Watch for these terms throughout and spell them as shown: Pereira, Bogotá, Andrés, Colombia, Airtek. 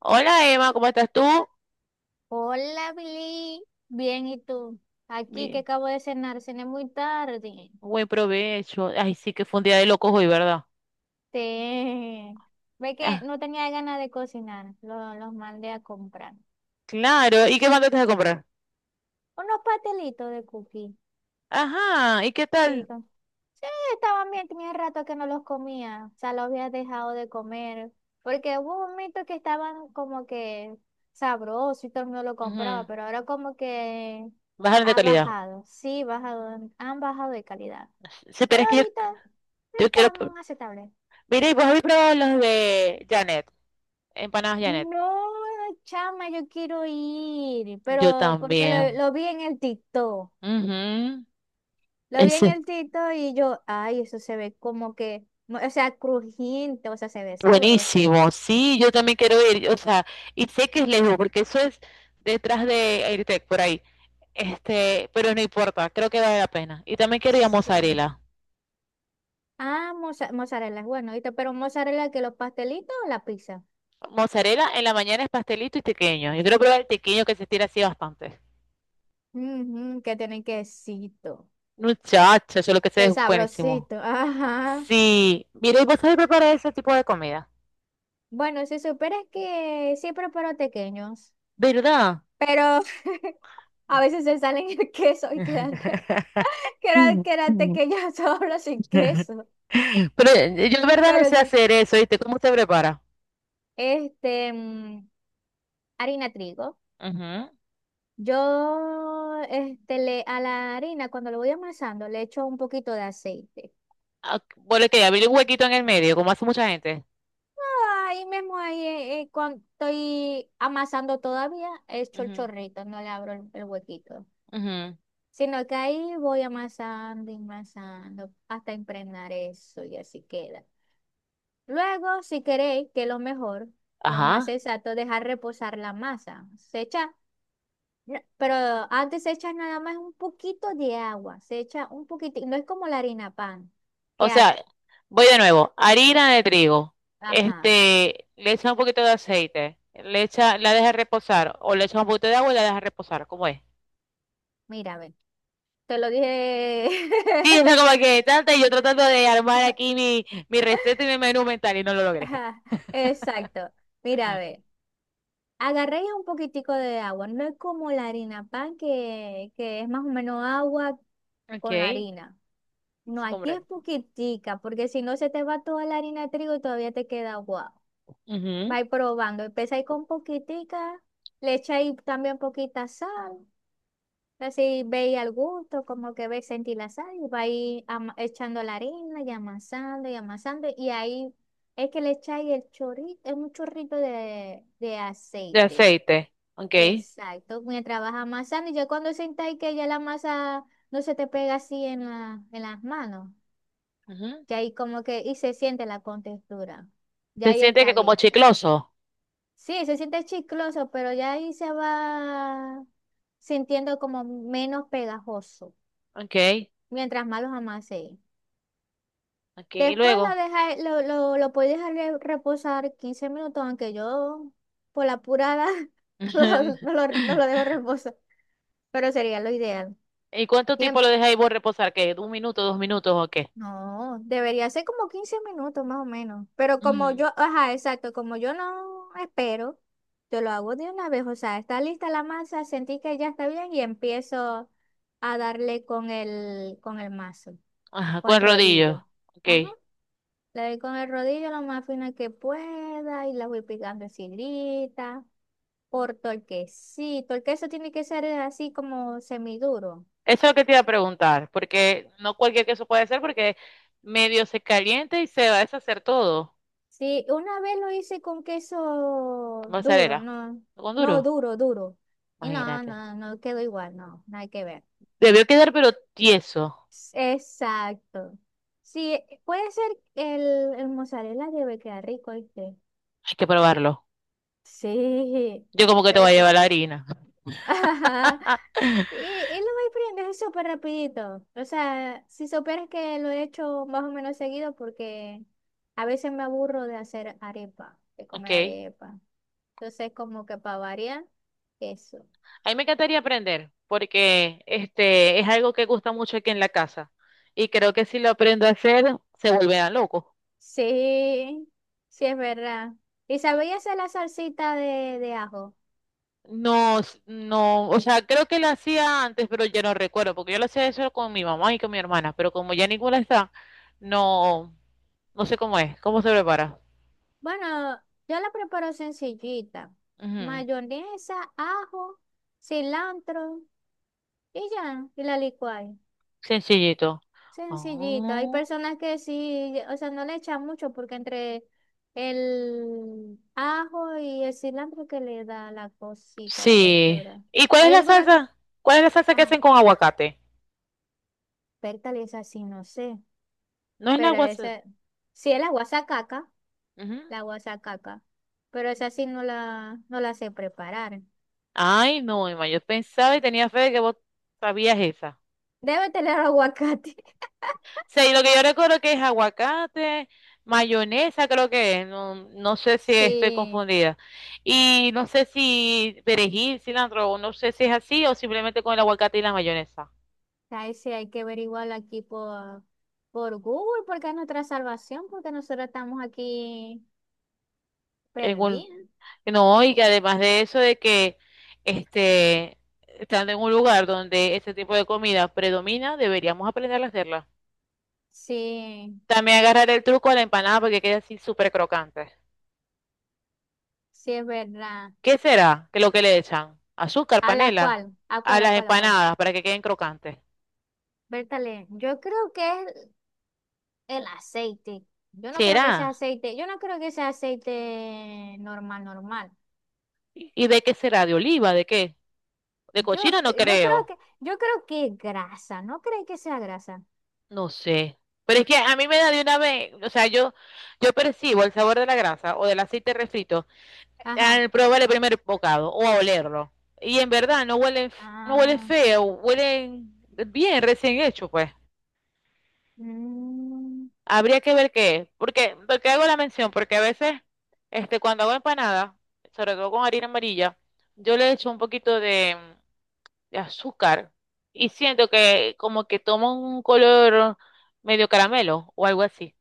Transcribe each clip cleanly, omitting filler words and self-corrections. Hola Emma, ¿cómo estás tú? Hola, Billy. Bien, ¿y tú? Aquí que Bien, acabo de cenar, cené muy tarde. buen provecho. Ay, sí que fue un día de locos hoy, ¿verdad? Te... Ve que Ah, no tenía ganas de cocinar, los mandé a comprar. claro, ¿y qué mandaste a comprar? Unos pastelitos de cookie. Ajá, ¿y qué Sí, tal? sí, estaban bien, tenía rato que no los comía, o sea, los había dejado de comer, porque hubo un momento que estaban como que sabrosos y todo el mundo lo Ujú. compraba, pero ahora como que Bajaron de ha calidad. bajado, sí, bajado, han bajado de calidad, Sí, pero pero es que yo, ahorita yo quiero... pr- están aceptables. Mira, ¿y vos habéis probado los de Janet? Empanadas Janet. No, chama, yo quiero ir, Yo pero porque lo, también. lo vi en el TikTok, Ujú. lo vi en Ese. el TikTok y yo, ay, eso se ve como que, o sea, crujiente, o sea, se ve sabroso. Buenísimo, sí, yo también quiero ir. O sea, y sé que es lejos, porque eso es detrás de Airtek, por ahí. Pero no importa, creo que vale la pena. Y también quería Sí. mozzarella. Ah, mozzarella, es bueno, ¿viste? Pero mozzarella que los pastelitos o la pizza. Mozzarella en la mañana es pastelito y tequeño. Yo quiero probar el tequeño que se estira así bastante. Ujú, que tienen quesito. Muchacha, yo lo que sé es El buenísimo. sabrosito. Ajá. Sí, mire, ¿y vos sabés preparar ese tipo de comida? Bueno, si supieras que sí preparo tequeños, ¿Verdad? pero a veces se salen el queso y quedan, quedan pequeños solo sin queso. Pero yo de verdad no Pero sé sí. hacer eso, ¿viste? ¿Cómo usted prepara? Este, harina trigo. Ujú. Yo, este, a la harina, cuando lo voy amasando, le echo un poquito de aceite. Ah, bueno, que abrir un huequito en el medio, como hace mucha gente. Ahí mismo, ahí cuando estoy amasando todavía, he hecho el Ujú, chorrito, no le abro el huequito, ujú. sino que ahí voy amasando y amasando hasta impregnar eso y así queda. Luego, si queréis, que lo mejor, lo más Ajá. exacto, dejar reposar la masa. Se echa, pero antes se echa nada más un poquito de agua, se echa un poquitito, no es como la harina pan, O que, sea, voy de nuevo. Harina de trigo. ajá, Le echa un poquito de aceite. Le echa, la deja reposar. O le echa un poquito de agua y la deja reposar. ¿Cómo es? mira, ve. Te lo dije. Sí, eso como que tanta y yo tratando de armar aquí mi receta y mi menú mental y no lo logré. Ajá, exacto. Mira, a ver, agarré ya un poquitico de agua. No es como la harina pan, que, es más o menos agua Ok, con la sí harina. No, aquí es comprendo. poquitica, porque si no se te va toda la harina de trigo y todavía te queda agua. Ujú. Vais probando. Empezáis con poquitica, le echáis también poquita sal. Así veis al gusto, como que veis sentir la sal y vais echando la harina y amasando y amasando. Y ahí es que le echáis el chorrito, es un chorrito de, De aceite. aceite. Ok. Exacto, mientras vas amasando. Y ya cuando sentáis que ya la masa no se te pega así en las manos, Ujú. que ahí como que y se siente la contextura. Ya Se ahí siente está que como lista. chicloso. Sí, se siente chicloso, pero ya ahí se va sintiendo como menos pegajoso, Ok, mientras más los amasé. ok. Y Después lo, luego. deja, lo, lo, lo puedes dejar reposar 15 minutos, aunque yo por la apurada no, lo, no lo no lo dejo reposar, pero sería lo ideal. ¿Y cuánto tiempo Tiempo. lo deja ahí vos reposar? ¿Qué? ¿Un minuto, dos minutos o qué? No, debería ser como 15 minutos más o menos. Pero como Ujú. yo, ajá, exacto, como yo no espero, yo lo hago de una vez. O sea, está lista la masa, sentí que ya está bien y empiezo a darle con el, mazo, Ajá, con el con rodillo. rodillo. Ok. Ajá. Eso Le doy con el rodillo lo más fina que pueda y la voy picando en filita, por torquecito. El queso tiene que ser así como semiduro. es lo que te iba a preguntar, porque no cualquier queso puede ser, porque medio se calienta y se va a deshacer todo. Sí, una vez lo hice con queso duro, Mozzarella. no, Con no duro. duro, duro. Y no, Imagínate. no, no quedó igual, no, nada que ver. Debió quedar, pero tieso. Exacto. Sí, puede ser el, mozzarella debe quedar rico, ¿viste? Hay que probarlo. Sí, Yo como que te debe voy a que. llevar la harina. Y lo voy aprendiendo súper rapidito. O sea, si supieras que lo he hecho más o menos seguido porque a veces me aburro de hacer arepa, de Ok. comer arepa. Entonces, como que para variar, eso. A mí me encantaría aprender, porque este es algo que gusta mucho aquí en la casa. Y creo que si lo aprendo a hacer, se volverán locos. Sí, sí es verdad. ¿Y sabéis hacer la salsita de ajo? No, s- no, o sea, creo que la hacía antes, pero ya no recuerdo, porque yo lo hacía eso con mi mamá y con mi hermana, pero como ya ninguna está, no, no sé cómo es, cómo se prepara. Bueno, yo la preparo sencillita. Ujú. Mayonesa, ajo, cilantro y ya, y la licuáis. Sencillito. Sencillito. Hay Oh, personas que sí, o sea, no le echan mucho porque entre el ajo y el cilantro que le da la cosita, la sí. textura. ¿Y cuál es Hay la algunas que, salsa? ¿Cuál es la salsa que ajá, hacen con aguacate? pértale es así, no sé. No es la Pero guasa. esa, sí es la guasacaca, Ujú. la guasacaca. Pero esa sí no la, sé preparar. Ay, no, Emma, yo pensaba y tenía fe de que vos sabías esa. Debe tener aguacate. Sea, y lo que yo recuerdo que es aguacate, mayonesa, creo que es, no, no sé si estoy Sí, confundida. Y no sé si perejil, cilantro, o no sé si es así o simplemente con el aguacate y la mayonesa. ahí sí hay que averiguar aquí por Google, porque es nuestra salvación, porque nosotros estamos aquí En un- perdida. no, y que además de eso de que este, estando en un lugar donde ese tipo de comida predomina, deberíamos aprender a hacerla. Sí, También agarrar el truco a la empanada porque queda así súper crocante. sí es verdad. ¿Qué será que lo que le echan? Azúcar, ¿A la panela, cual? ¿A a cuál? ¿A las cuál? ¿A cuál? empanadas para que queden crocantes. Bertale, yo creo que es el aceite. Yo no creo ¿Será? que sea aceite, yo no creo que sea aceite normal, normal. ¿Y de qué será? ¿De oliva? ¿De qué? ¿De Yo, cochino? No cre- yo creo creo. que, yo creo que es grasa, ¿no crees que sea grasa? No sé. Pero es que a mí me da de una vez, o sea, yo percibo el sabor de la grasa o del aceite refrito Ajá. al probar el primer bocado o a olerlo. Y en verdad no huelen, f- no huelen Ah, feo, huelen bien, recién hecho, pues. mm. Habría que ver qué es. Porque, porque hago la mención, porque a veces, cuando hago empanada, sobre todo con harina amarilla, yo le echo un poquito de azúcar y siento que como que toma un color medio caramelo o algo así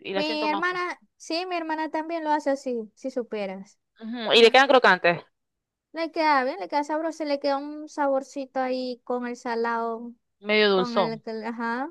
y la Mi siento más fuerte. hermana, sí, mi hermana también lo hace así, si superas. Ujú. Y le Ajá. quedan crocantes, Le queda bien, le queda sabroso, le queda un saborcito ahí con el salado. medio dulzón, Ajá,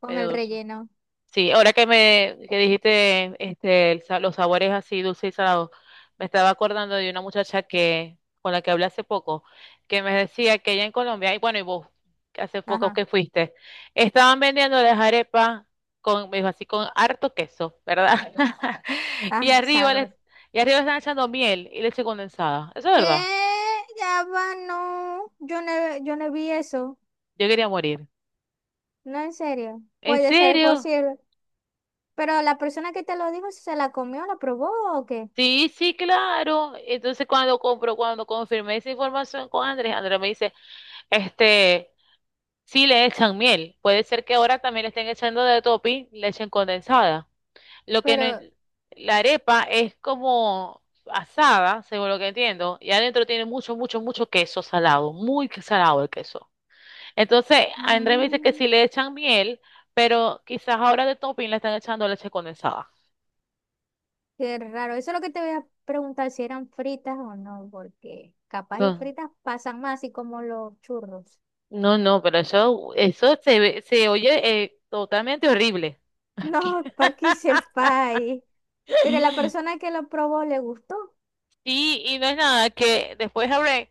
con el medio dulzón. relleno. Sí, ahora que me que dijiste el sa- los sabores así dulce y salado, me estaba acordando de una muchacha que con la que hablé hace poco, que me decía que allá en Colombia, y bueno, y vos, que hace poco Ajá. que fuiste, estaban vendiendo las arepas con, me dijo así, con harto queso, ¿verdad? Y Ah, arriba les, sabro. y arriba están echando miel y leche condensada. Eso es ¿Qué? verdad. Ya va, no. Yo no vi eso. Yo quería morir. No, en serio. ¿En Puede ser serio? posible. Pero la persona que te lo dijo, si ¿se la comió, la probó o qué? Sí, sí, claro. Entonces cuando compro, cuando confirmé esa información con Andrés, Andrés me dice Este, sí le echan miel. Puede ser que ahora también le estén echando de topping leche condensada. Lo que no Pero, en- la arepa es como asada, según lo que entiendo, y adentro tiene mucho, mucho, mucho queso salado, muy que- salado el queso. Entonces, Andrés me dice que mm, sí le echan miel, pero quizás ahora de topping le están echando leche condensada. qué raro. Eso es lo que te voy a preguntar si eran fritas o no, porque capaz y No, fritas pasan más así como los churros. no, no, pero eso se ve- se oye totalmente horrible. No, pa' que sepáis. Pero la persona que lo probó le gustó. Y, y no es nada, que después hablé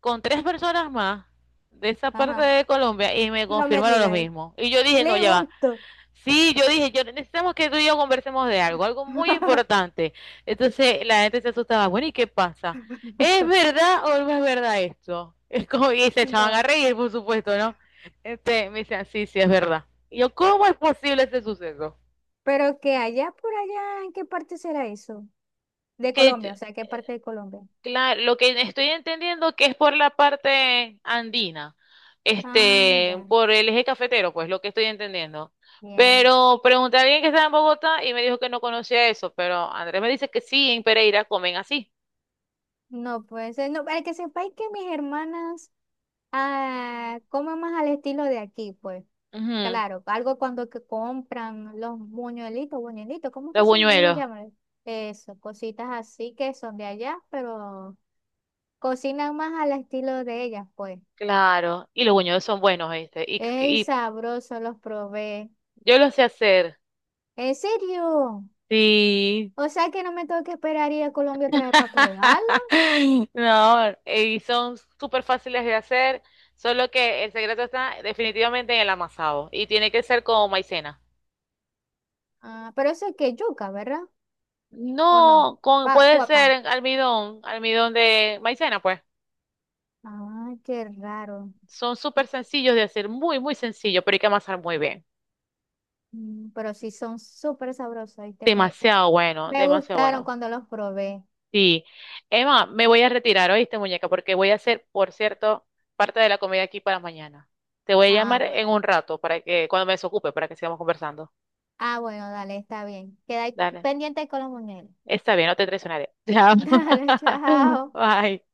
con tres personas más de esa parte Ajá. de Colombia y me No me confirmaron lo digas. mismo. Y yo dije, no, Le ya va. gustó. Sí, yo dije, yo necesitamos que tú y yo conversemos de algo, algo muy importante. Entonces la gente se asustaba, bueno, ¿y qué pasa? ¿Es verdad o no es verdad esto? Es como, y se echaban a No. reír, por supuesto, ¿no? Me decían, sí, sí, es verdad. Y yo, ¿cómo es posible ese suceso? Pero que allá por allá, ¿en qué parte será eso? De Que yo- Colombia, o sea, ¿qué parte de Colombia? claro, lo que estoy entendiendo que es por la parte andina, Ah, ya, por el eje cafetero, pues lo que estoy entendiendo. ya. Pero pregunté a alguien que estaba en Bogotá y me dijo que no conocía eso, pero Andrés me dice que sí, en Pereira comen así. No puede ser. No, para que sepáis que mis hermanas comen más al estilo de aquí, pues. Ujú. Claro, algo cuando que compran los buñuelitos, buñuelitos, ¿cómo que Los se les buñuelos, llama? Eso, cositas así que son de allá, pero cocinan más al estilo de ellas, pues. claro, y los buñuelos son buenos, ¿viste? Y, Es y sabroso, los probé. yo los sé hacer. ¿En serio? Sí, O sea que no me tengo que esperar ir a Colombia otra vez para probarlo. no, y son súper fáciles de hacer, solo que el secreto está definitivamente en el amasado y tiene que ser con maicena. Ah, pero eso es que yuca, ¿verdad? ¿O no? No, con, Pa, puede puapá. ser en almidón, almidón de maicena, pues. Ah, qué raro. Son súper sencillos de hacer, muy, muy sencillo, pero hay que amasar muy bien. Pero sí son súper sabrosos, ¿viste? Me, Demasiado bueno, me demasiado gustaron bueno. cuando los probé. Sí. Emma, me voy a retirar, ¿oíste, muñeca? Porque voy a hacer, por cierto, parte de la comida aquí para mañana. Te voy a Ah, llamar en bueno. un rato para que, cuando me desocupe, para que sigamos conversando. Ah, bueno, dale, está bien. Queda Dale. pendiente con los muñecos. Está bien, no te traicionaré. Te amo. Dale, chao. Bye.